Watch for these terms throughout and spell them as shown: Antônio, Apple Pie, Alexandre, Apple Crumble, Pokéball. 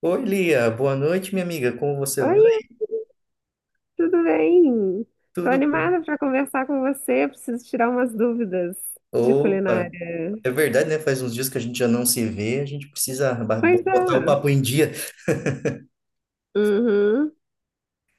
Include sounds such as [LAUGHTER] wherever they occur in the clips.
Oi, Lia, boa noite, minha amiga. Como você vai? Oi, tudo bem? Tô Tudo bem? animada para conversar com você. Preciso tirar umas dúvidas de Opa, culinária. é verdade, né? Faz uns dias que a gente já não se vê, a gente precisa Pois botar o é. papo em dia. Uhum.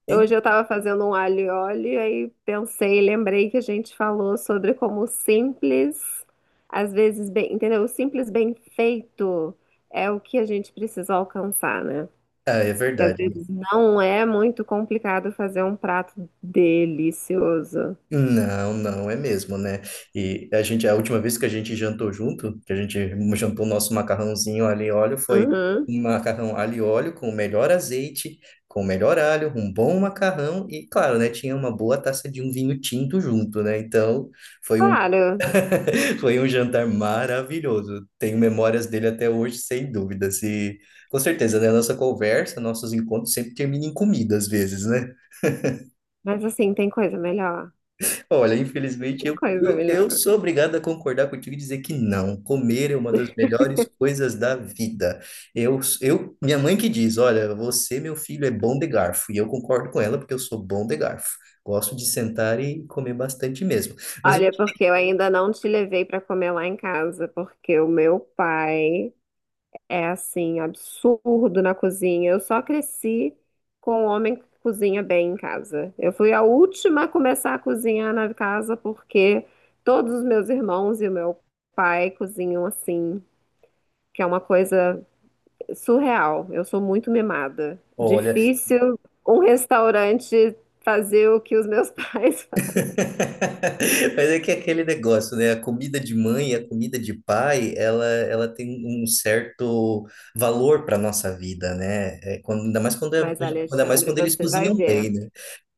E- Hoje eu estava fazendo um alho e óleo, aí pensei, lembrei que a gente falou sobre como o simples, às vezes bem, entendeu? O simples bem feito é o que a gente precisa alcançar, né? Ah, é Que às verdade. vezes não é muito complicado fazer um prato delicioso. Não, não, é mesmo, né? E a última vez que a gente jantou junto, que a gente jantou o nosso macarrãozinho alho e óleo, foi Uhum. um macarrão alho e óleo com o melhor azeite, com o melhor alho, um bom macarrão e, claro, né? Tinha uma boa taça de um vinho tinto junto, né? Então. Foi um Claro, Foi um jantar maravilhoso. Tenho memórias dele até hoje, sem dúvida. Se... Com certeza, né? Nossa conversa, nossos encontros sempre terminam em comida, às vezes, né? mas assim, tem coisa melhor. [LAUGHS] Olha, infelizmente, Coisa eu melhor. sou obrigado a concordar contigo e dizer que não. Comer é uma das [LAUGHS] melhores coisas da vida. Minha mãe que diz, olha, você, meu filho, é bom de garfo. E eu concordo com ela, porque eu sou bom de garfo. Gosto de sentar e comer bastante mesmo. Mas, Olha, porque eu ainda não te levei para comer lá em casa, porque o meu pai é assim, absurdo na cozinha. Eu só cresci com um homem que cozinha bem em casa. Eu fui a última a começar a cozinhar na casa, porque todos os meus irmãos e o meu pai cozinham assim, que é uma coisa surreal. Eu sou muito mimada. olha, Difícil um restaurante fazer o que os meus [LAUGHS] pais fazem. [LAUGHS] Mas é que é aquele negócio, né? A comida de mãe e a comida de pai, ela tem um certo valor para nossa vida, né? É, quando, ainda mais quando, é- Mas, Ainda mais Alexandre, quando eles você vai cozinham bem, ver. né?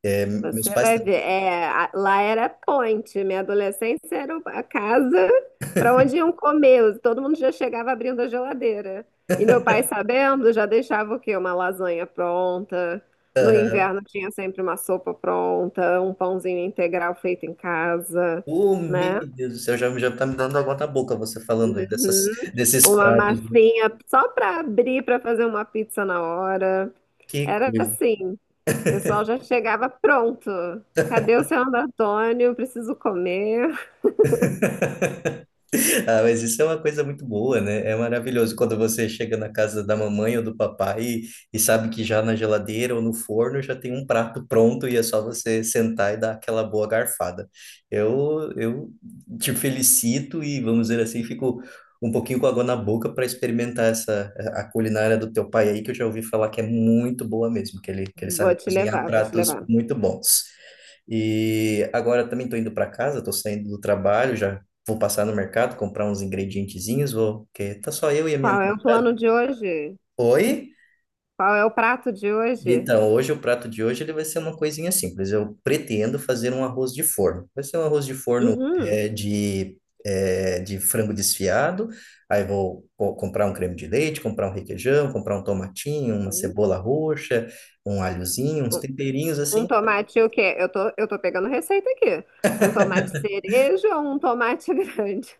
É, meus Você pais... vai tam- ver. É, lá era ponte. Minha adolescência era a casa para onde iam comer. Todo mundo já chegava abrindo a geladeira. E meu pai, sabendo, já deixava o quê? Uma lasanha pronta. No Aham. inverno tinha sempre uma sopa pronta, um pãozinho integral feito em casa, Oh, meu né? Deus do céu, já tá me dando água na boca você falando aí Uhum. desses Uma pratos. Né? massinha só para abrir, para fazer uma pizza na hora. Que Era coisa. assim. O pessoal já chegava pronto. Cadê o seu Antônio? Preciso comer. [LAUGHS] Ah, mas isso é uma coisa muito boa, né? É maravilhoso quando você chega na casa da mamãe ou do papai e sabe que já na geladeira ou no forno já tem um prato pronto e é só você sentar e dar aquela boa garfada. Eu te felicito e, vamos dizer assim, fico um pouquinho com água na boca para experimentar essa a culinária do teu pai aí, que eu já ouvi falar que é muito boa mesmo, que ele sabe Vou te cozinhar levar, vou te pratos levar. muito bons. E agora também estou indo para casa, estou saindo do trabalho, já vou passar no mercado, comprar uns ingredientezinhos, vou, porque tá só eu e a minha. Qual é o plano de hoje? Oi? Qual é o prato de hoje? Então, hoje o prato de hoje ele vai ser uma coisinha simples. Eu pretendo fazer um arroz de forno. Vai ser um arroz de forno Uhum, de frango desfiado. Aí vou comprar um creme de leite, comprar um requeijão, comprar um tomatinho, uma uhum. cebola roxa, um alhozinho, uns Um temperinhos um assim. tomate o quê? Eu tô pegando receita aqui. Um tomate cereja ou um tomate [LAUGHS] grande?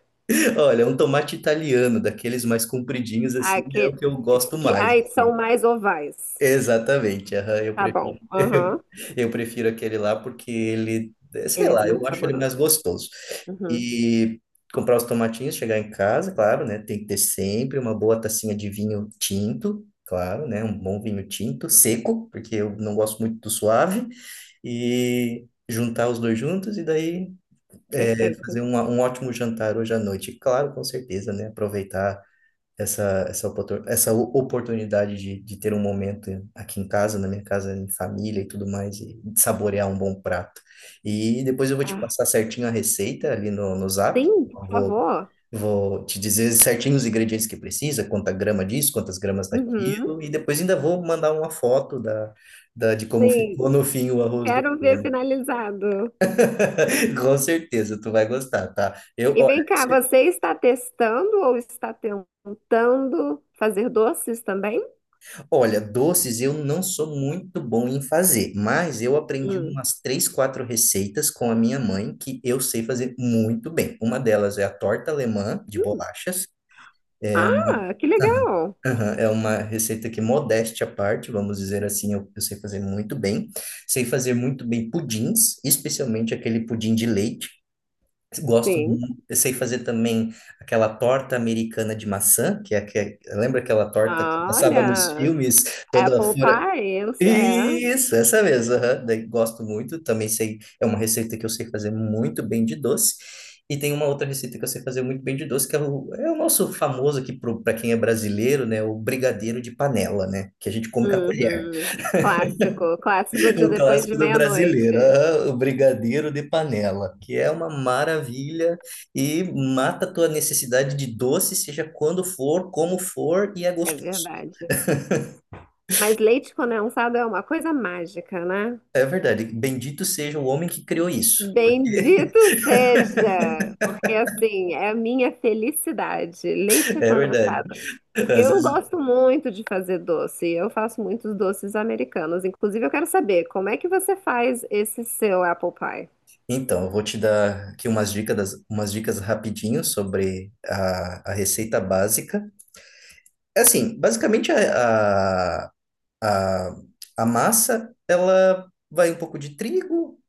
Olha, um tomate italiano, daqueles mais compridinhos, assim, Ah, é o que eu gosto mais, ai, assim. são mais ovais. Exatamente, aham, Tá bom. Aham. [LAUGHS] eu prefiro aquele lá porque ele, sei Ele é lá, eu muito acho ele mais saboroso. gostoso. Uhum. E comprar os tomatinhos, chegar em casa, claro, né? Tem que ter sempre uma boa tacinha de vinho tinto, claro, né? Um bom vinho tinto, seco, porque eu não gosto muito do suave, e juntar os dois juntos e daí fazer Perfeito. Um ótimo jantar hoje à noite. Claro, com certeza, né? Aproveitar oportunidade de ter um momento aqui em casa, na minha casa, em família e tudo mais, e saborear um bom prato. E depois eu vou te Ah, passar certinho a receita ali no Zap. sim, por Eu Vou, favor. vou te dizer certinho os ingredientes que precisa, quanta grama disso, quantas gramas Uhum. daquilo, e depois ainda vou mandar uma foto de como ficou Sim. no fim o arroz do Quero ver forno. finalizado. [LAUGHS] Com certeza, tu vai gostar, tá? E vem cá, você está testando ou está tentando fazer doces também? Olha, doces eu não sou muito bom em fazer, mas eu aprendi Hum. umas três, quatro receitas com a minha mãe que eu sei fazer muito bem. Uma delas é a torta alemã de Hum. bolachas. É uma, Ah, que legal. [LAUGHS] é uma receita que, modéstia à parte, vamos dizer assim, eu sei fazer muito bem. Sei fazer muito bem pudins, especialmente aquele pudim de leite. Gosto Sim. muito. Eu sei fazer também aquela torta americana de maçã, que é que lembra aquela torta que passava nos Olha, filmes, toda Apple fora. Pie, eu, é. Isso, essa mesmo. Aham. Daí gosto muito. Também sei, é uma receita que eu sei fazer muito bem de doce. E tem uma outra receita que eu sei fazer muito bem de doce, que é é o nosso famoso aqui para quem é brasileiro, né? O brigadeiro de panela, né? Que a gente come com a colher. Uhum. Clássico, clássico de [LAUGHS] O depois de clássico do brasileiro, meia-noite. ah, o brigadeiro de panela, que é uma maravilha e mata a tua necessidade de doce, seja quando for, como for, e é É gostoso. verdade. Mas leite condensado é uma coisa mágica, né? É verdade, bendito seja o homem que criou isso, porque Bendito seja, porque assim é a minha felicidade, [LAUGHS] leite é verdade. condensado. Porque Às eu vezes- gosto muito de fazer doce, eu faço muitos doces americanos. Inclusive, eu quero saber como é que você faz esse seu apple pie. Então, eu vou te dar aqui umas dicas rapidinho sobre a receita básica. É assim, basicamente a, a massa, ela vai um pouco de trigo.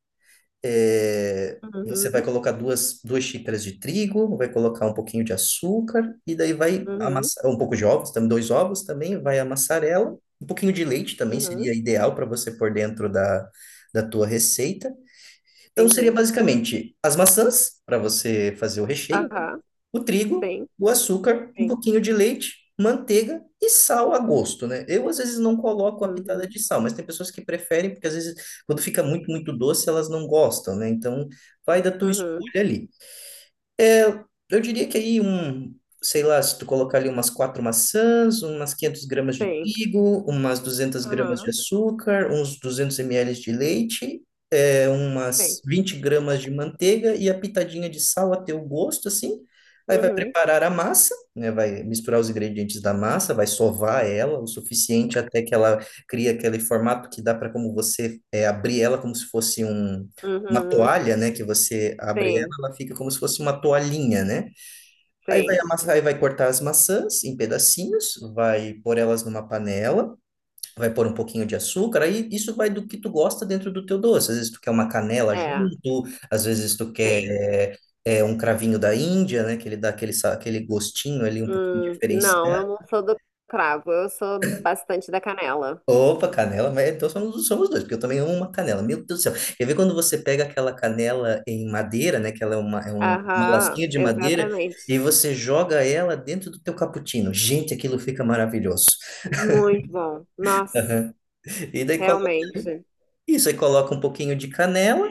É, você vai Uhum, colocar duas xícaras de trigo, vai colocar um pouquinho de açúcar, e daí vai uhum, amassar um pouco de ovos, também dois ovos também, vai amassar ela. Um pouquinho de leite também uhum, seria ideal para você pôr dentro da tua receita. Então seria entendi. basicamente as maçãs para você fazer o recheio, Aham, o trigo, sim, o açúcar, um sim. pouquinho de leite, manteiga e sal a gosto, né? Eu às vezes não coloco a pitada de Uhum, sal, mas tem pessoas que preferem porque às vezes quando fica muito doce, elas não gostam, né? Então vai da tua uhum, escolha ali. Eu diria que aí um, sei lá, se tu colocar ali umas quatro maçãs, umas 500 gramas de sim. trigo, umas duzentas gramas de Aham, açúcar, uns 200 mililitros de leite sim. umas 20 gramas de manteiga e a pitadinha de sal a teu gosto, assim. Aí vai Uhum, preparar a massa, né? Vai misturar os ingredientes da massa, vai sovar ela o suficiente até que ela crie aquele formato que dá para abrir ela como se fosse uma uhum, toalha, né? Que você abre sim, ela, ela fica como se fosse uma toalhinha, né? Aí vai sim. amassar, aí vai cortar as maçãs em pedacinhos, vai pôr elas numa panela, vai pôr um pouquinho de açúcar, aí isso vai do que tu gosta dentro do teu doce. Às vezes tu quer uma canela É, junto, às vezes tu sim. quer um cravinho da Índia, né? Que ele dá aquele, aquele gostinho ali um pouquinho Não, diferenciado. eu não sou do cravo, eu sou bastante da canela. Opa, canela, mas então somos, somos dois, porque eu também amo uma canela. Meu Deus do céu. Quer ver quando você pega aquela canela em madeira, né? Que ela é uma lasquinha Aham, de madeira, exatamente. e você joga ela dentro do teu cappuccino. Gente, aquilo fica maravilhoso. Muito bom. Nossa, E daí coloca realmente. isso, aí coloca um pouquinho de canela,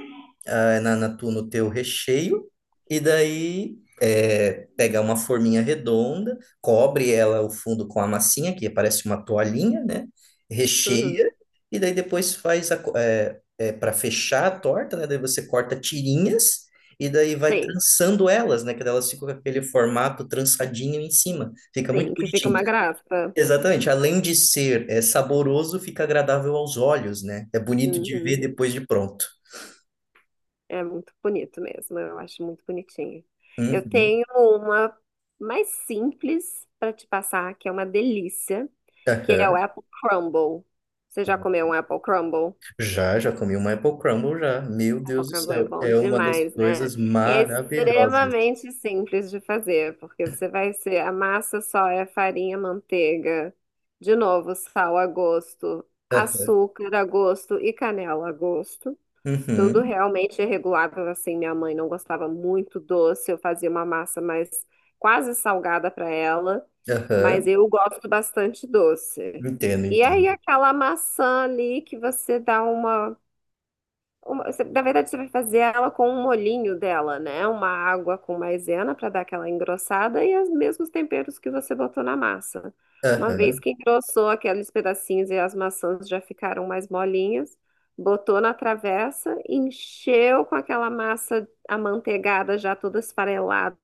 ah, no teu recheio, e daí pega uma forminha redonda, cobre ela o fundo com a massinha, que parece uma toalhinha, né? Recheia, Uhum, e daí depois faz para fechar a torta, né? Daí você corta tirinhas. E daí vai sim, trançando elas, né? Que daí elas ficam com aquele formato trançadinho em cima. Fica muito sim, que fica bonitinho. uma graça. Exatamente. Além de ser saboroso, fica agradável aos olhos, né? É bonito de ver Uhum, depois de pronto. é muito bonito mesmo, eu acho muito bonitinho. Eu Uhum. tenho uma mais simples para te passar, que é uma delícia, que é o Aham. Apple Crumble. Você já comeu um Apple Crumble? Já comi uma Apple Crumble já. Meu Deus do Pokéball é céu, bom é uma das demais, né? coisas E é maravilhosas. extremamente simples de fazer, porque você vai ser, a massa só é farinha, manteiga, de novo, sal a gosto, Aham, açúcar a gosto e canela a gosto. Tudo uhum, realmente é regulável, assim, minha mãe não gostava muito doce, eu fazia uma massa mais quase salgada para ela, mas aham, eu gosto bastante doce. entendo, E aí entendo. aquela maçã ali que você dá na verdade, você vai fazer ela com um molhinho dela, né? Uma água com maisena para dar aquela engrossada e os mesmos temperos que você botou na massa. Uma vez Aham, que engrossou aqueles pedacinhos e as maçãs já ficaram mais molinhas, botou na travessa, encheu com aquela massa amanteigada já toda esfarelada,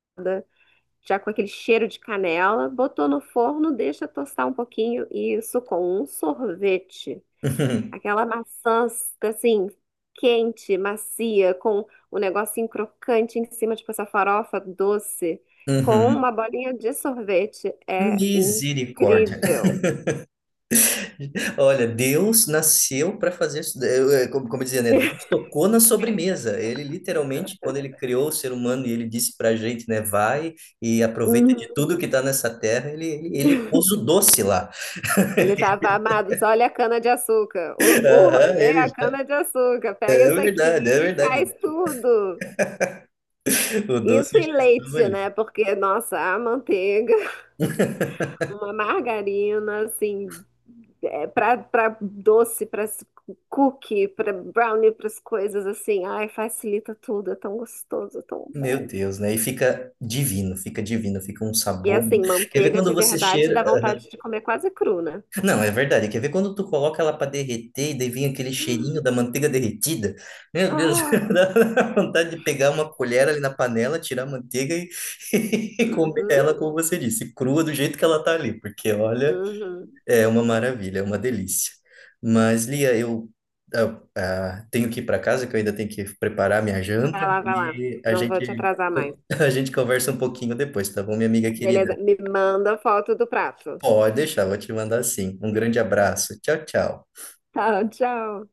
já com aquele cheiro de canela, botou no forno, deixa tostar um pouquinho e isso com um sorvete. uhum, Aquela maçã, assim, quente, macia, com o negocinho crocante em cima, tipo essa farofa doce, com uhum. uma bolinha de sorvete. É Misericórdia. incrível. [LAUGHS] Olha, Deus nasceu para fazer, isso. Como, como dizia, né? Deus tocou na sobremesa. Ele literalmente, quando ele criou o ser humano e ele disse para a gente, né? Vai e aproveita de Uhum. tudo que está nessa terra, ele pôs o doce lá. Ele estava, amados, olha a cana-de-açúcar. [LAUGHS] O Aham, rolê ele, é a cana-de-açúcar. Pega é isso aqui verdade, é e verdade. faz tudo. O doce Isso e já estava leite, ali. né? Porque, nossa, a manteiga. Uma margarina, assim, é, para doce, para cookie, para brownie, para as coisas assim. Ai, facilita tudo, é tão gostoso, é tão Meu bom. Deus, né? E fica divino, fica divino, fica um E sabor. assim, Quer ver manteiga quando de você verdade cheira. dá Ah, vontade de comer quase cru, né? Não, é verdade. Quer ver quando tu coloca ela para derreter e daí vem aquele cheirinho da manteiga derretida? Meu Deus, Ah, [LAUGHS] dá vontade de pegar uma colher ali na panela, tirar a manteiga [LAUGHS] e comer uhum, ela, como você disse, crua do jeito que ela tá ali, porque olha. uhum. É uma maravilha, é uma delícia. Mas, Lia, tenho que ir para casa, que eu ainda tenho que preparar minha janta, Vai lá, vai lá. Não vou te atrasar mais. [LAUGHS] a gente conversa um pouquinho depois, tá bom, minha amiga querida? Beleza, me manda foto do prato. Pode deixar, vou te mandar sim. Um grande abraço. Tchau, tchau. Tá, tchau.